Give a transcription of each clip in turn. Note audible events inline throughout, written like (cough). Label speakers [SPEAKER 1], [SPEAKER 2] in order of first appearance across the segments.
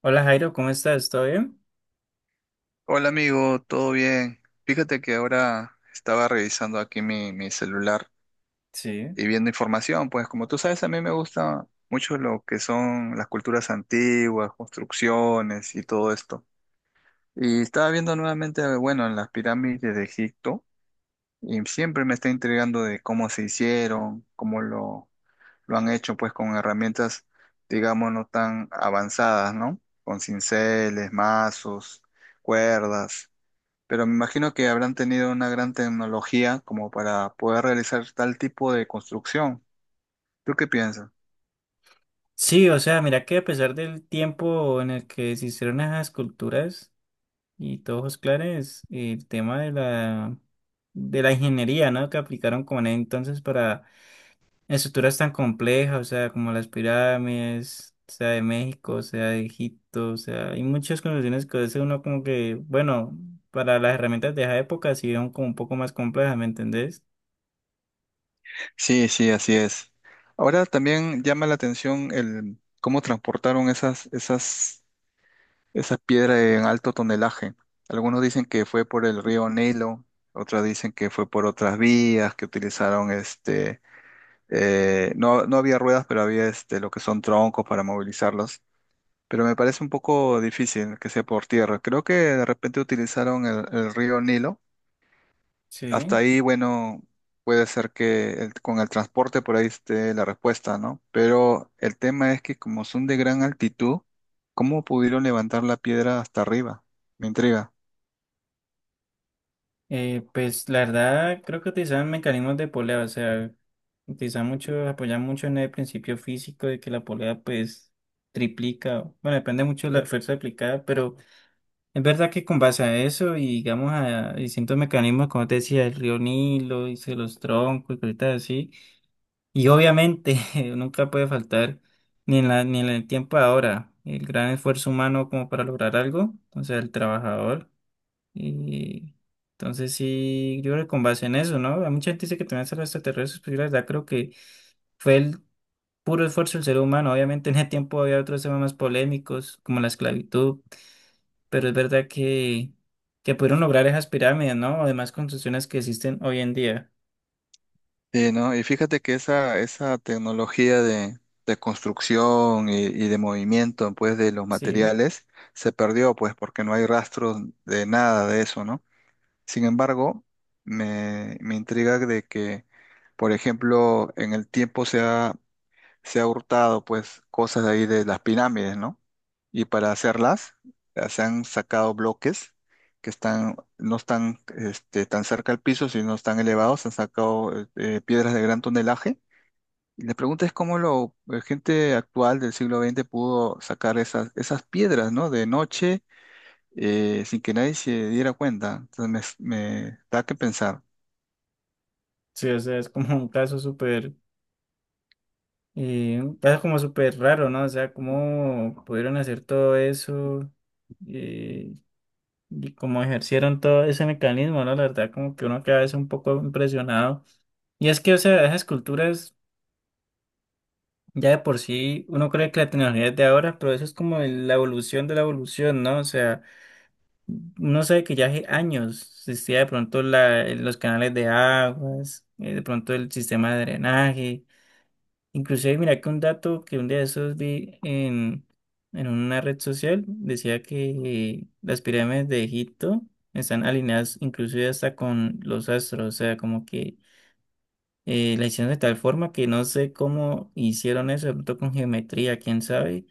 [SPEAKER 1] Hola Jairo, ¿cómo estás? ¿Todo bien?
[SPEAKER 2] Hola amigo, ¿todo bien? Fíjate que ahora estaba revisando aquí mi celular
[SPEAKER 1] Sí.
[SPEAKER 2] y viendo información, pues como tú sabes, a mí me gusta mucho lo que son las culturas antiguas, construcciones y todo esto. Y estaba viendo nuevamente, bueno, en las pirámides de Egipto y siempre me está intrigando de cómo se hicieron, lo han hecho, pues con herramientas, digamos, no tan avanzadas, ¿no? Con cinceles, mazos, cuerdas. Pero me imagino que habrán tenido una gran tecnología como para poder realizar tal tipo de construcción. ¿Tú qué piensas?
[SPEAKER 1] Sí, o sea, mira que a pesar del tiempo en el que se hicieron esas esculturas y tojos clares, el tema de de la ingeniería, ¿no? Que aplicaron con él entonces para estructuras tan complejas, o sea, como las pirámides, sea de México, o sea de Egipto, o sea, hay muchas construcciones que a veces uno como que, bueno, para las herramientas de esa época sí eran como un poco más complejas, ¿me entendés?
[SPEAKER 2] Sí, sí, así es. Ahora también llama la atención el cómo transportaron esas piedras en alto tonelaje. Algunos dicen que fue por el río Nilo, otros dicen que fue por otras vías que utilizaron este, no, no había ruedas, pero había este, lo que son troncos para movilizarlos. Pero me parece un poco difícil que sea por tierra. Creo que de repente utilizaron el río Nilo. Hasta
[SPEAKER 1] Sí.
[SPEAKER 2] ahí, bueno, puede ser que con el transporte por ahí esté la respuesta, ¿no? Pero el tema es que como son de gran altitud, ¿cómo pudieron levantar la piedra hasta arriba? Me intriga.
[SPEAKER 1] Pues la verdad creo que utilizaban mecanismos de polea, o sea, utilizaban mucho, apoyan mucho en el principio físico de que la polea pues triplica, bueno, depende mucho de la fuerza aplicada, pero es verdad que con base a eso y digamos a distintos mecanismos, como te decía, el río Nilo, y se los troncos y cositas así, y obviamente (laughs) nunca puede faltar ni en la, ni en el tiempo ahora, el gran esfuerzo humano como para lograr algo, o sea, el trabajador. Y entonces sí, yo creo que con base en eso, ¿no? Hay mucha gente dice que también son los extraterrestres, pero yo la verdad creo que fue el puro esfuerzo del ser humano. Obviamente en ese tiempo había otros temas más polémicos, como la esclavitud, pero es verdad que pudieron lograr esas pirámides, ¿no? Además, construcciones que existen hoy en día.
[SPEAKER 2] Sí, ¿no? Y fíjate que esa tecnología de construcción y de movimiento, pues, de los
[SPEAKER 1] Sí,
[SPEAKER 2] materiales se perdió, pues, porque no hay rastros de nada de eso, ¿no? Sin embargo, me intriga de que, por ejemplo, en el tiempo se ha hurtado pues cosas de ahí de las pirámides, ¿no? Y para hacerlas, se han sacado bloques que están, no están este, tan cerca al piso, sino están elevados, se han sacado piedras de gran tonelaje. Y la pregunta es la gente actual del siglo XX pudo sacar esas piedras, ¿no? De noche sin que nadie se diera cuenta. Entonces me da que pensar.
[SPEAKER 1] sí, o sea, es como un caso súper, un caso como súper raro, ¿no? O sea, cómo pudieron hacer todo eso. Eh, Y como ejercieron todo ese mecanismo, ¿no? La verdad, como que uno queda a veces un poco impresionado. Y es que, o sea, esas culturas, ya de por sí, uno cree que la tecnología es de ahora, pero eso es como la evolución de la evolución, ¿no? O sea, uno sabe que ya hace años existía de pronto la, los canales de aguas, de pronto el sistema de drenaje. Inclusive, mira que un dato que un día de esos en una red social decía que las pirámides de Egipto están alineadas inclusive hasta con los astros, o sea, como que la hicieron de tal forma que no sé cómo hicieron eso, de pronto con geometría, quién sabe,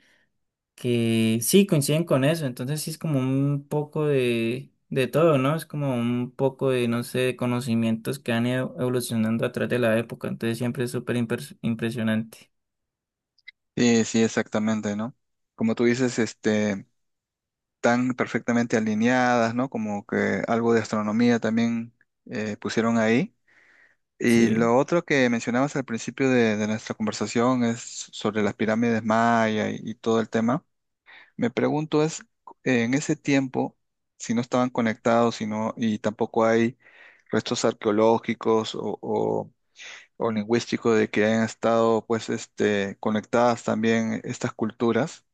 [SPEAKER 1] que sí coinciden con eso, entonces sí es como un poco de todo, ¿no? Es como un poco de, no sé, de conocimientos que han ido evolucionando a través de la época, entonces siempre es súper impresionante.
[SPEAKER 2] Sí, sí, exactamente, ¿no? Como tú dices, este, tan perfectamente alineadas, ¿no? Como que algo de astronomía también pusieron ahí. Y
[SPEAKER 1] Sí.
[SPEAKER 2] lo otro que mencionabas al principio de nuestra conversación es sobre las pirámides maya y todo el tema. Me pregunto es, en ese tiempo, si no estaban conectados, si no, y tampoco hay restos arqueológicos o lingüístico de que hayan estado pues este, conectadas también estas culturas,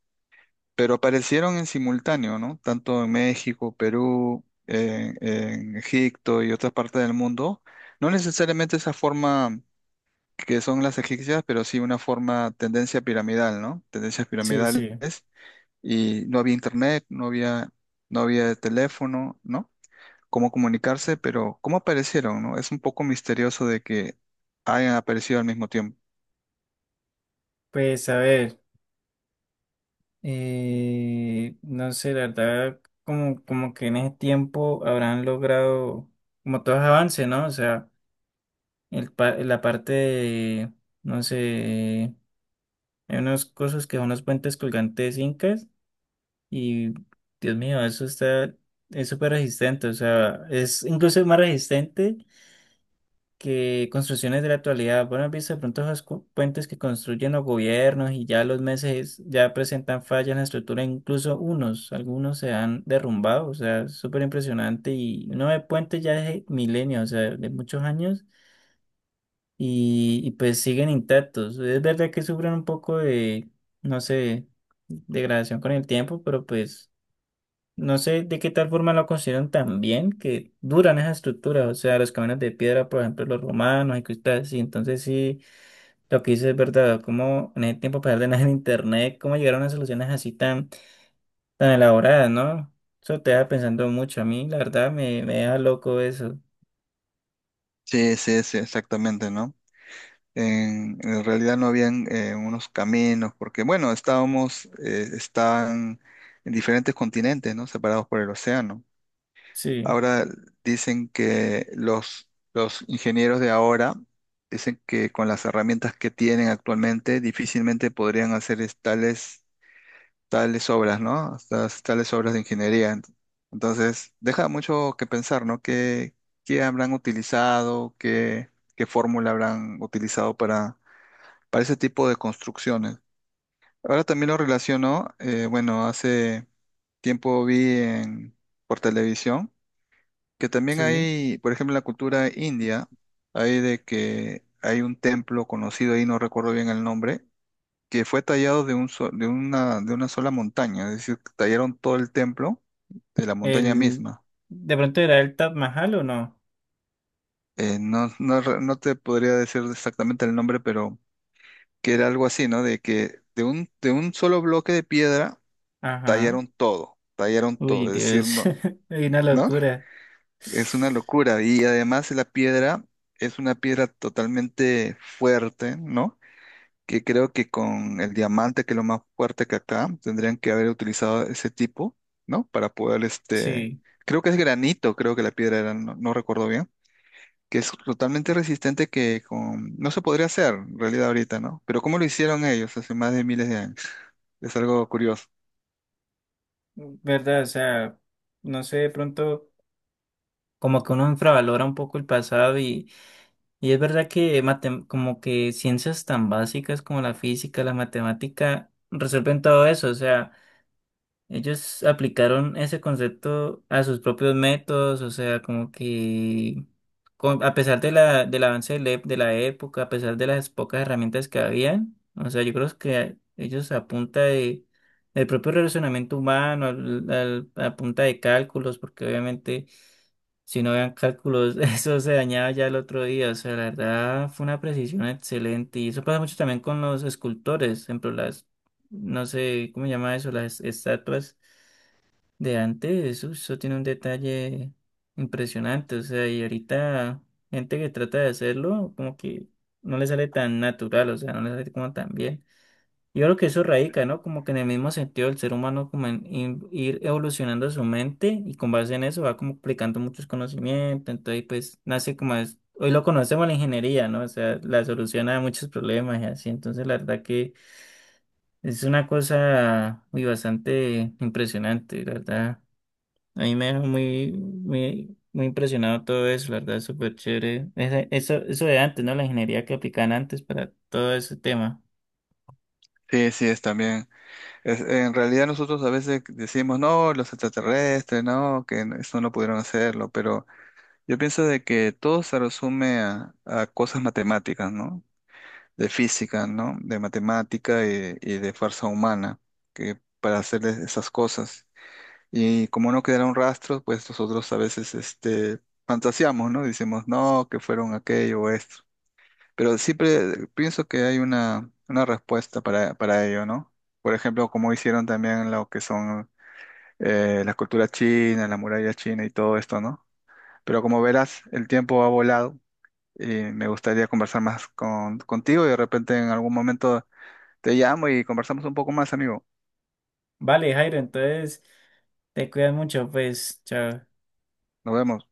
[SPEAKER 2] pero aparecieron en simultáneo, ¿no? Tanto en México, Perú, en Egipto y otras partes del mundo. No necesariamente esa forma que son las egipcias, pero sí una forma, tendencia piramidal, ¿no? Tendencias
[SPEAKER 1] Sí,
[SPEAKER 2] piramidales.
[SPEAKER 1] sí.
[SPEAKER 2] Y no había internet, no había, no había teléfono, ¿no? Cómo comunicarse, pero cómo aparecieron, ¿no? Es un poco misterioso de que hayan aparecido al mismo tiempo.
[SPEAKER 1] Pues a ver, no sé, la verdad, como, como que en ese tiempo habrán logrado como todos avances, ¿no? O sea, el, la parte de, no sé, hay unas cosas que son los puentes colgantes incas y, Dios mío, eso está, es súper resistente, o sea, es incluso más resistente que construcciones de la actualidad. Bueno, has visto de pronto esos puentes que construyen los gobiernos y ya los meses ya presentan fallas en la estructura, incluso unos, algunos se han derrumbado, o sea, es súper impresionante y uno ve puentes ya de milenios, o sea, de muchos años y pues siguen intactos. Es verdad que sufren un poco de, no sé, degradación con el tiempo, pero pues... No sé de qué tal forma lo consideran tan bien que duran esas estructuras, o sea, los caminos de piedra, por ejemplo, los romanos y cosas así. Entonces, sí, lo que dices es verdad, como en ese tiempo, a pesar de nada (laughs) en internet, cómo llegaron a soluciones así tan, tan elaboradas, ¿no? Eso te deja pensando mucho. A mí, la verdad, me deja loco eso.
[SPEAKER 2] Sí, sí, sí, exactamente, ¿no? En realidad no habían unos caminos, porque bueno, estábamos, estaban en diferentes continentes, ¿no? Separados por el océano.
[SPEAKER 1] Sí,
[SPEAKER 2] Ahora dicen que los ingenieros de ahora dicen que con las herramientas que tienen actualmente difícilmente podrían hacer tales tales obras, ¿no? Tales obras de ingeniería. Entonces, deja mucho que pensar, ¿no? ¿Qué, qué habrán utilizado? ¿Qué, qué fórmula habrán utilizado para ese tipo de construcciones? Ahora también lo relaciono, bueno, hace tiempo vi en, por televisión que también
[SPEAKER 1] sí.
[SPEAKER 2] hay, por ejemplo, en la cultura india, hay de que hay un templo conocido ahí, no recuerdo bien el nombre, que fue tallado de de una sola montaña, es decir, tallaron todo el templo de la montaña
[SPEAKER 1] El,
[SPEAKER 2] misma.
[SPEAKER 1] ¿de pronto era el Taj Mahal o no?
[SPEAKER 2] No, no te podría decir exactamente el nombre, pero que era algo así, ¿no? De que de un solo bloque de piedra
[SPEAKER 1] Ajá.
[SPEAKER 2] tallaron
[SPEAKER 1] Uy,
[SPEAKER 2] todo, es decir,
[SPEAKER 1] Dios,
[SPEAKER 2] no,
[SPEAKER 1] (laughs) hay una
[SPEAKER 2] ¿no?
[SPEAKER 1] locura.
[SPEAKER 2] Es una locura. Y además la piedra es una piedra totalmente fuerte, ¿no? Que creo que con el diamante, que es lo más fuerte que acá, tendrían que haber utilizado ese tipo, ¿no? Para poder, este,
[SPEAKER 1] Sí.
[SPEAKER 2] creo que es granito, creo que la piedra era, no, no recuerdo bien, que es totalmente resistente que con, no se podría hacer en realidad ahorita, ¿no? Pero ¿cómo lo hicieron ellos hace más de miles de años? Es algo curioso.
[SPEAKER 1] ¿Verdad? O sea, no sé, de pronto como que uno infravalora un poco el pasado y es verdad que como que ciencias tan básicas como la física, la matemática, resuelven todo eso, o sea... Ellos aplicaron ese concepto a sus propios métodos, o sea, como que a pesar de la, del avance de la, de la época, a pesar de las pocas herramientas que habían, o sea, yo creo que ellos a punta de, del propio relacionamiento humano, a punta de cálculos, porque obviamente si no habían cálculos, (laughs) eso se dañaba ya el otro día, o sea, la verdad fue una precisión excelente y eso pasa mucho también con los escultores, por ejemplo, no sé, ¿cómo se llama eso? Las estatuas de antes, eso tiene un detalle impresionante, o sea, y ahorita gente que trata de hacerlo, como que no le sale tan natural, o sea, no le sale como tan bien. Yo creo que eso radica, ¿no? Como que en el mismo sentido el ser humano, como en ir evolucionando su mente y con base en eso va como aplicando muchos conocimientos, entonces pues nace como es, hoy lo conocemos la ingeniería, ¿no? O sea, la solución a muchos problemas y así, entonces la verdad que... Es una cosa muy bastante impresionante, la verdad. A mí me dejó muy, muy, muy impresionado todo eso, la verdad, es súper chévere. Eso, eso de antes, ¿no? La ingeniería que aplican antes para todo ese tema.
[SPEAKER 2] Sí, sí, es también. Es- en realidad nosotros a veces decimos, no, los extraterrestres, no, que no- eso no pudieron hacerlo, pero yo pienso de que todo se resume a cosas matemáticas, ¿no? De física, ¿no? De matemática y de fuerza humana, que para hacer esas cosas. Y como no quedaron rastros, pues nosotros a veces este, fantaseamos, ¿no? Decimos no, que fueron aquello o esto. Pero siempre pienso que hay una respuesta para ello, ¿no? Por ejemplo, como hicieron también lo que son la cultura china, la muralla china y todo esto, ¿no? Pero como verás, el tiempo ha volado y me gustaría conversar más con, contigo y de repente en algún momento te llamo y conversamos un poco más, amigo.
[SPEAKER 1] Vale, Jairo, entonces te cuidas mucho, pues, chao.
[SPEAKER 2] Nos vemos.